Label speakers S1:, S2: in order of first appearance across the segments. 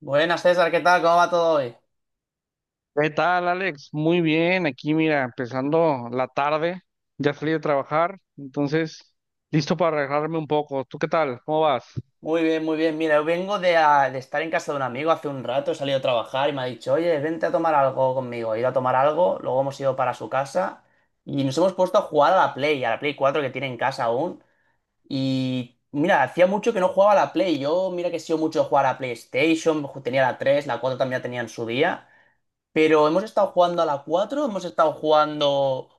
S1: Buenas, César, ¿qué tal? ¿Cómo va todo hoy?
S2: ¿Qué tal, Alex? Muy bien, aquí mira, empezando la tarde, ya salí de trabajar, entonces listo para relajarme un poco. ¿Tú qué tal? ¿Cómo vas?
S1: Muy bien, muy bien. Mira, yo vengo de estar en casa de un amigo hace un rato, he salido a trabajar y me ha dicho, oye, vente a tomar algo conmigo. He ido a tomar algo, luego hemos ido para su casa y nos hemos puesto a jugar a la Play 4 que tiene en casa aún. Y mira, hacía mucho que no jugaba a la Play. Yo, mira que he sido mucho de jugar a PlayStation, tenía la 3, la 4 también la tenía en su día. Pero hemos estado jugando a la 4 hemos estado jugando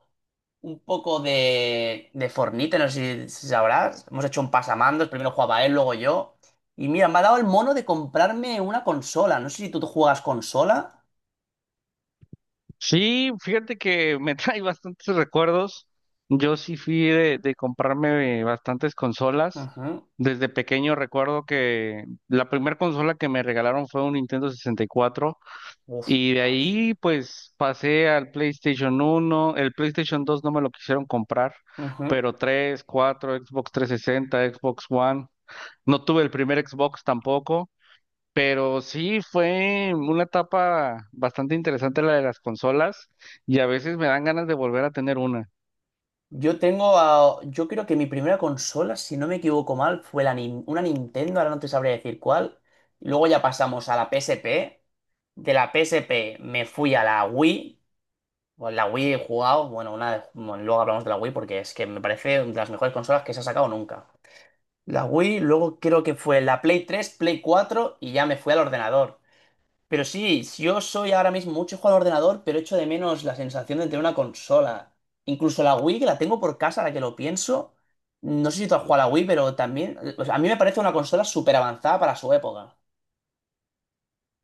S1: un poco de Fortnite, no sé si sabrás. Hemos hecho un pasamandos, primero jugaba él, luego yo. Y mira, me ha dado el mono de comprarme una consola. No sé si tú juegas consola.
S2: Sí, fíjate que me trae bastantes recuerdos. Yo sí fui de comprarme bastantes consolas.
S1: Ujú.
S2: Desde pequeño recuerdo que la primera consola que me regalaron fue un Nintendo 64. Y de
S1: Ostras.
S2: ahí pues pasé al PlayStation 1, el PlayStation 2 no me lo quisieron comprar,
S1: Ujú.
S2: pero 3 4 Xbox 360, Xbox One. No tuve el primer Xbox tampoco, pero sí fue una etapa bastante interesante la de las consolas y a veces me dan ganas de volver a tener una.
S1: Yo creo que mi primera consola, si no me equivoco mal, fue la una Nintendo, ahora no te sabría decir cuál. Luego ya pasamos a la PSP. De la PSP me fui a la Wii. Bueno, la Wii he jugado, bueno, luego hablamos de la Wii porque es que me parece de las mejores consolas que se ha sacado nunca. La Wii, luego creo que fue la Play 3 Play 4 y ya me fui al ordenador. Pero sí, yo soy ahora mismo mucho juego al ordenador, pero echo de menos la sensación de tener una consola. Incluso la Wii, que la tengo por casa, ahora que lo pienso, no sé si tú has jugado a la Wii, pero también, o sea, a mí me parece una consola súper avanzada para su época.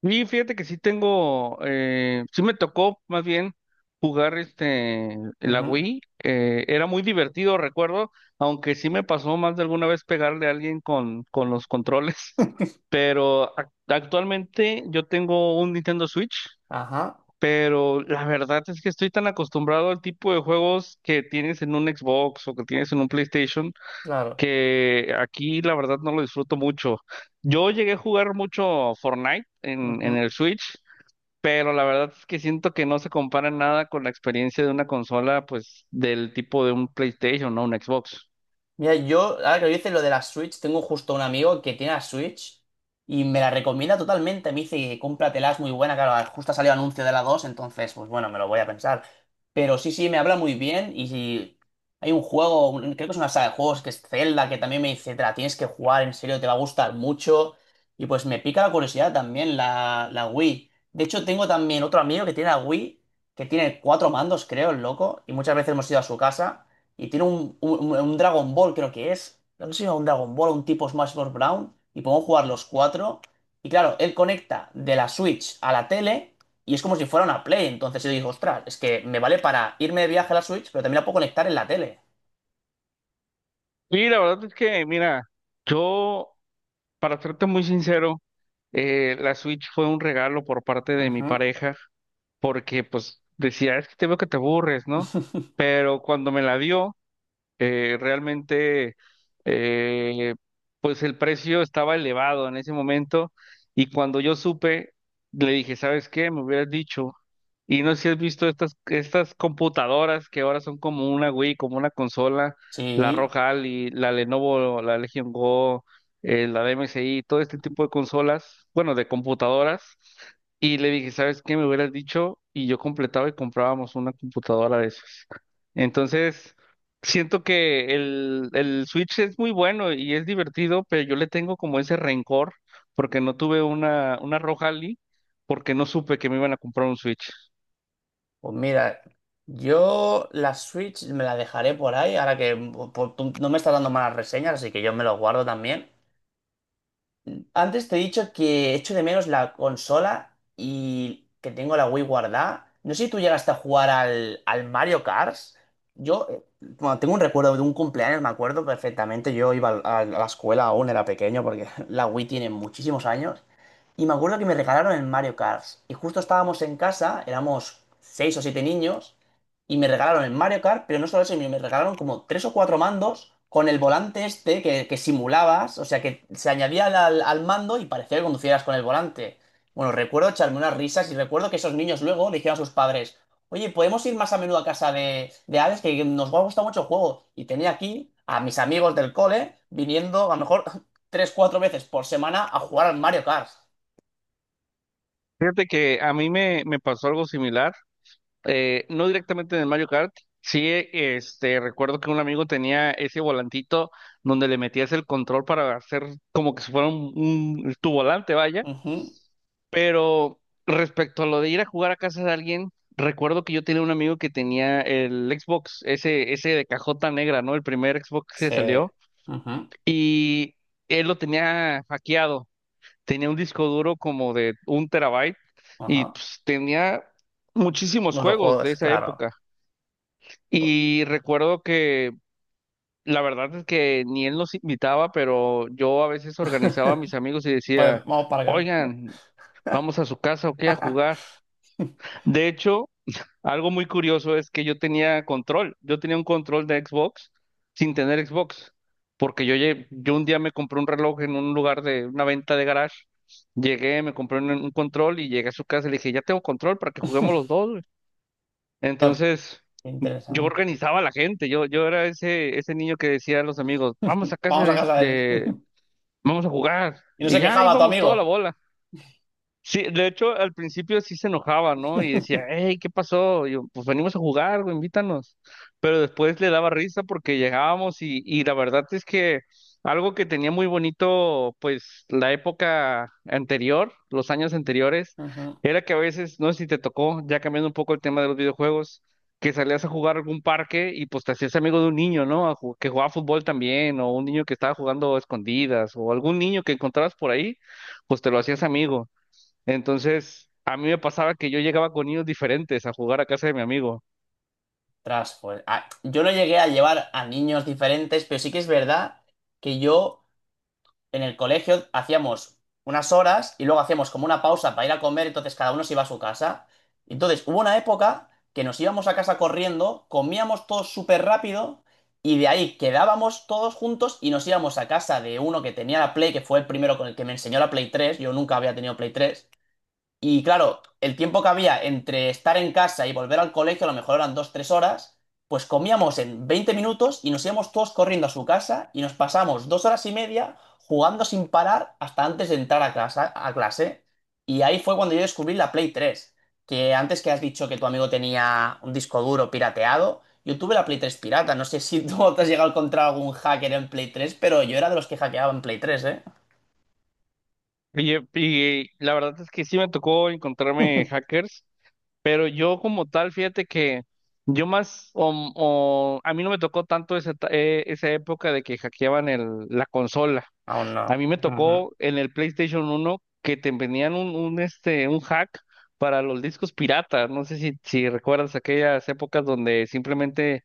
S2: Y fíjate que sí tengo, sí me tocó más bien jugar la
S1: Ujú.
S2: Wii, era muy divertido, recuerdo, aunque sí me pasó más de alguna vez pegarle a alguien con los controles, pero actualmente yo tengo un Nintendo Switch,
S1: Ajá,
S2: pero la verdad es que estoy tan acostumbrado al tipo de juegos que tienes en un Xbox o que tienes en un PlayStation,
S1: claro.
S2: que aquí la verdad no lo disfruto mucho. Yo llegué a jugar mucho Fortnite en
S1: Ujú.
S2: el Switch, pero la verdad es que siento que no se compara nada con la experiencia de una consola, pues, del tipo de un PlayStation, ¿no? Un Xbox.
S1: Mira, yo, ahora que lo dices lo de la Switch, tengo justo un amigo que tiene la Switch y me la recomienda totalmente. Me dice, cómpratela, es muy buena. Claro, justo ha salido anuncio de la 2 entonces, pues bueno, me lo voy a pensar. Pero sí, sí, me habla muy bien y si hay un juego, creo que es una saga de juegos, que es Zelda, que también me dice, te la tienes que jugar, en serio, te va a gustar mucho. Y pues me pica la curiosidad también, la Wii. De hecho, tengo también otro amigo que tiene la Wii, que tiene cuatro mandos, creo, el loco, y muchas veces hemos ido a su casa. Y tiene un Dragon Ball, creo que es. No sé si es un Dragon Ball o un tipo Smash Bros. Brown. Y podemos jugar los cuatro. Y claro, él conecta de la Switch a la tele. Y es como si fuera una Play. Entonces yo digo, ostras, es que me vale para irme de viaje a la Switch, pero también la puedo conectar en la tele.
S2: Y la verdad es que, mira, yo, para serte muy sincero, la Switch fue un regalo por parte de mi
S1: Ujú.
S2: pareja, porque, pues, decía, es que te veo que te aburres, ¿no? Pero cuando me la dio, realmente, eh, pues el precio estaba elevado en ese momento y cuando yo supe, le dije, ¿sabes qué? Me hubieras dicho. Y no sé si has visto estas computadoras que ahora son como una Wii, como una consola, la
S1: Sí,
S2: Roja Ali, la Lenovo, la Legion Go, la de MSI, todo este tipo de consolas, bueno, de computadoras. Y le dije, ¿sabes qué? Me hubieras dicho y yo completaba y comprábamos una computadora de esas. Entonces. Siento que el Switch es muy bueno y es divertido, pero yo le tengo como ese rencor porque no tuve una Rojali, porque no supe que me iban a comprar un Switch.
S1: pues mira, yo la Switch me la dejaré por ahí, ahora que tú no me estás dando malas reseñas, así que yo me lo guardo también. Antes te he dicho que echo de menos la consola y que tengo la Wii guardada. No sé si tú llegaste a jugar al Mario Kart. Yo, bueno, tengo un recuerdo de un cumpleaños, me acuerdo perfectamente. Yo iba a la escuela aún, era pequeño, porque la Wii tiene muchísimos años. Y me acuerdo que me regalaron el Mario Kart. Y justo estábamos en casa, éramos seis o siete niños y me regalaron el Mario Kart, pero no solo eso, sino me regalaron como tres o cuatro mandos con el volante este que simulabas, o sea, que se añadía al mando y parecía que conducieras con el volante. Bueno, recuerdo echarme unas risas y recuerdo que esos niños luego le dijeron a sus padres, oye, ¿podemos ir más a menudo a casa de Alex? Que nos va a gustar mucho el juego. Y tenía aquí a mis amigos del cole viniendo a lo mejor tres, cuatro veces por semana a jugar al Mario Kart.
S2: Fíjate que a mí me pasó algo similar, no directamente en el Mario Kart. Sí, recuerdo que un amigo tenía ese volantito donde le metías el control para hacer como que si fuera tu volante, vaya.
S1: Ujú.
S2: Pero respecto a lo de ir a jugar a casa de alguien, recuerdo que yo tenía un amigo que tenía el Xbox, ese de cajota negra, ¿no? El primer Xbox que
S1: Sí.
S2: salió,
S1: Ujú.
S2: y él lo tenía hackeado. Tenía un disco duro como de un terabyte y
S1: Ajá.
S2: pues, tenía muchísimos
S1: Los
S2: juegos de
S1: juegos,
S2: esa
S1: claro.
S2: época.
S1: Pu-
S2: Y recuerdo que la verdad es que ni él nos invitaba, pero yo a veces organizaba a mis amigos y decía,
S1: Pues vamos para acá.
S2: oigan, vamos a su casa o qué a jugar. De hecho, algo muy curioso es que yo tenía control, yo tenía un control de Xbox sin tener Xbox, porque yo un día me compré un reloj en un lugar de una venta de garage, llegué, me compré un control y llegué a su casa y le dije, ya tengo control para que juguemos los dos, güey".
S1: Ya,
S2: Entonces
S1: qué
S2: yo
S1: interesante.
S2: organizaba a la gente, yo era ese, ese niño que decía a los amigos, vamos a casa
S1: Vamos a casa de él.
S2: vamos a jugar,
S1: Y no
S2: y
S1: se
S2: ya
S1: quejaba tu
S2: íbamos toda la
S1: amigo.
S2: bola. Sí, de hecho, al principio sí se enojaba, ¿no? Y decía, hey, ¿qué pasó? Y yo, pues venimos a jugar, güey, invítanos. Pero después le daba risa porque llegábamos y la verdad es que algo que tenía muy bonito, pues, la época anterior, los años anteriores,
S1: Ujú.
S2: era que a veces, no sé si te tocó, ya cambiando un poco el tema de los videojuegos, que salías a jugar a algún parque y pues te hacías amigo de un niño, ¿no? Que jugaba fútbol también, o un niño que estaba jugando a escondidas, o algún niño que encontrabas por ahí, pues te lo hacías amigo. Entonces, a mí me pasaba que yo llegaba con niños diferentes a jugar a casa de mi amigo.
S1: Tras, pues. Ah, yo no llegué a llevar a niños diferentes, pero sí que es verdad que yo en el colegio hacíamos unas horas y luego hacíamos como una pausa para ir a comer, entonces cada uno se iba a su casa. Entonces hubo una época que nos íbamos a casa corriendo, comíamos todos súper rápido y de ahí quedábamos todos juntos y nos íbamos a casa de uno que tenía la Play, que fue el primero con el que me enseñó la Play 3, yo nunca había tenido Play 3. Y claro, el tiempo que había entre estar en casa y volver al colegio, a lo mejor eran dos, tres horas, pues comíamos en 20 minutos y nos íbamos todos corriendo a su casa y nos pasamos 2 horas y media jugando sin parar hasta antes de entrar a casa, a clase. Y ahí fue cuando yo descubrí la Play tres, que antes que has dicho que tu amigo tenía un disco duro pirateado, yo tuve la Play 3 pirata. No sé si tú te has llegado a encontrar algún hacker en Play tres, pero yo era de los que hackeaban Play tres, ¿eh?
S2: Y la verdad es que sí me tocó encontrarme hackers, pero yo como tal, fíjate que yo más, a mí no me tocó tanto esa época de que hackeaban la consola.
S1: Aún no.
S2: A mí me
S1: Ujú.
S2: tocó en el PlayStation uno que te vendían un hack para los discos piratas. No sé si recuerdas aquellas épocas donde simplemente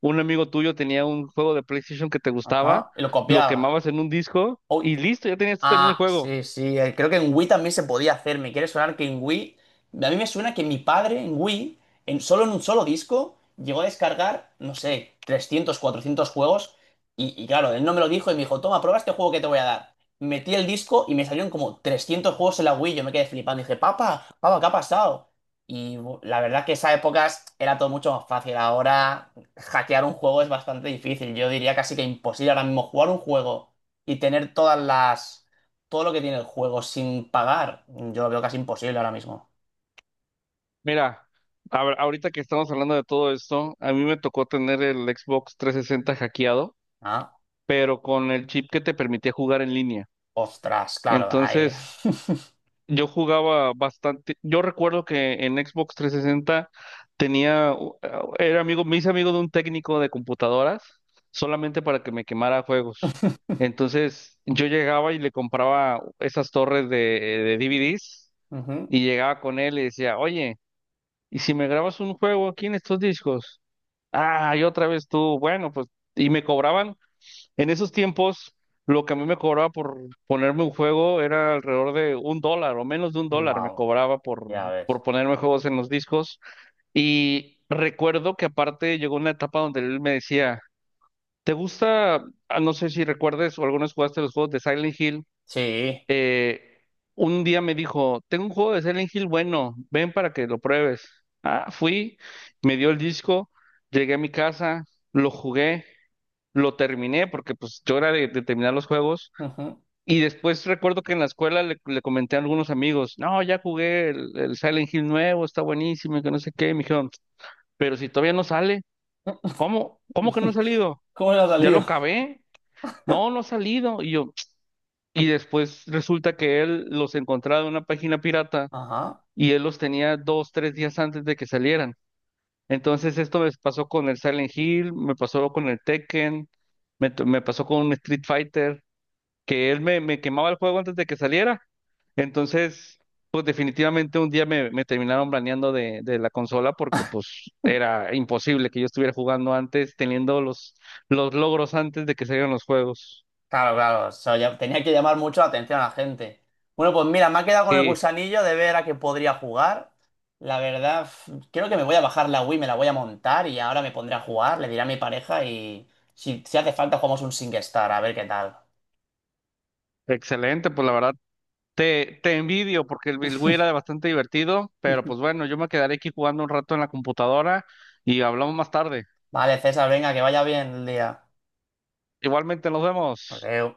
S2: un amigo tuyo tenía un juego de PlayStation que te gustaba,
S1: Ajá. Y lo
S2: lo
S1: copiaba.
S2: quemabas en un disco
S1: Uy,
S2: y listo, ya tenías tú también el
S1: ah,
S2: juego.
S1: sí, sí, creo que en Wii también se podía hacer. Me quiere sonar que en Wii. A mí me suena que mi padre en Wii, solo en un solo disco, llegó a descargar, no sé, 300, 400 juegos. Y claro, él no me lo dijo y me dijo, toma, prueba este juego que te voy a dar. Metí el disco y me salieron como 300 juegos en la Wii. Yo me quedé flipando. Dije, papá, papá, ¿qué ha pasado? Y la verdad que esas épocas era todo mucho más fácil. Ahora, hackear un juego es bastante difícil. Yo diría casi que imposible ahora mismo jugar un juego y tener todas las todo lo que tiene el juego sin pagar, yo lo veo casi imposible ahora mismo.
S2: Mira, a ahorita que estamos hablando de todo esto, a mí me tocó tener el Xbox 360 hackeado,
S1: Ah,
S2: pero con el chip que te permitía jugar en línea.
S1: ostras, claro, ahí.
S2: Entonces, yo jugaba bastante. Yo recuerdo que en Xbox 360 tenía, era amigo, me hice amigo de un técnico de computadoras solamente para que me quemara juegos. Entonces yo llegaba y le compraba esas torres de DVDs
S1: Ujú.
S2: y llegaba con él y decía, oye, ¿y si me grabas un juego aquí en estos discos? Ah, y otra vez tú, bueno, pues, y me cobraban en esos tiempos, lo que a mí me cobraba por ponerme un juego era alrededor de un dólar o menos de un dólar me
S1: Vamos,
S2: cobraba por,
S1: ya ves.
S2: por ponerme juegos en los discos. Y recuerdo que aparte llegó una etapa donde él me decía, ¿te gusta? Ah, no sé si recuerdes o algunos jugaste los juegos de Silent Hill.
S1: Sí.
S2: Eh, un día me dijo, tengo un juego de Silent Hill bueno, ven para que lo pruebes. Ah, fui, me dio el disco, llegué a mi casa, lo jugué. Lo terminé porque pues yo era de terminar los juegos
S1: Ujú.
S2: y después recuerdo que en la escuela le comenté a algunos amigos, no, ya jugué el Silent Hill nuevo, está buenísimo y que no sé qué, y me dijeron, pero si todavía no sale, ¿cómo? ¿Cómo que no ha salido?
S1: ¿Cómo le ha
S2: ¿Ya lo
S1: salido?
S2: acabé? No, no ha salido. Y yo, y después resulta que él los encontraba en una página pirata
S1: Ajá.
S2: y él los tenía dos, tres días antes de que salieran. Entonces esto me pasó con el Silent Hill, me pasó con el Tekken, me pasó con un Street Fighter, que él me quemaba el juego antes de que saliera. Entonces, pues definitivamente un día me terminaron baneando de la consola porque pues era imposible que yo estuviera jugando antes, teniendo los logros antes de que salieran los juegos.
S1: Claro, claro. Eso tenía que llamar mucho la atención a la gente. Bueno, pues mira, me ha quedado con el
S2: Sí,
S1: gusanillo de ver a qué podría jugar. La verdad, creo que me voy a bajar la Wii, me la voy a montar y ahora me pondré a jugar, le diré a mi pareja y si hace falta jugamos un SingStar, a ver qué tal.
S2: excelente, pues la verdad te envidio porque el Wii era bastante divertido, pero pues bueno, yo me quedaré aquí jugando un rato en la computadora y hablamos más tarde.
S1: Vale, César, venga, que vaya bien el día.
S2: Igualmente nos vemos.
S1: Adeu.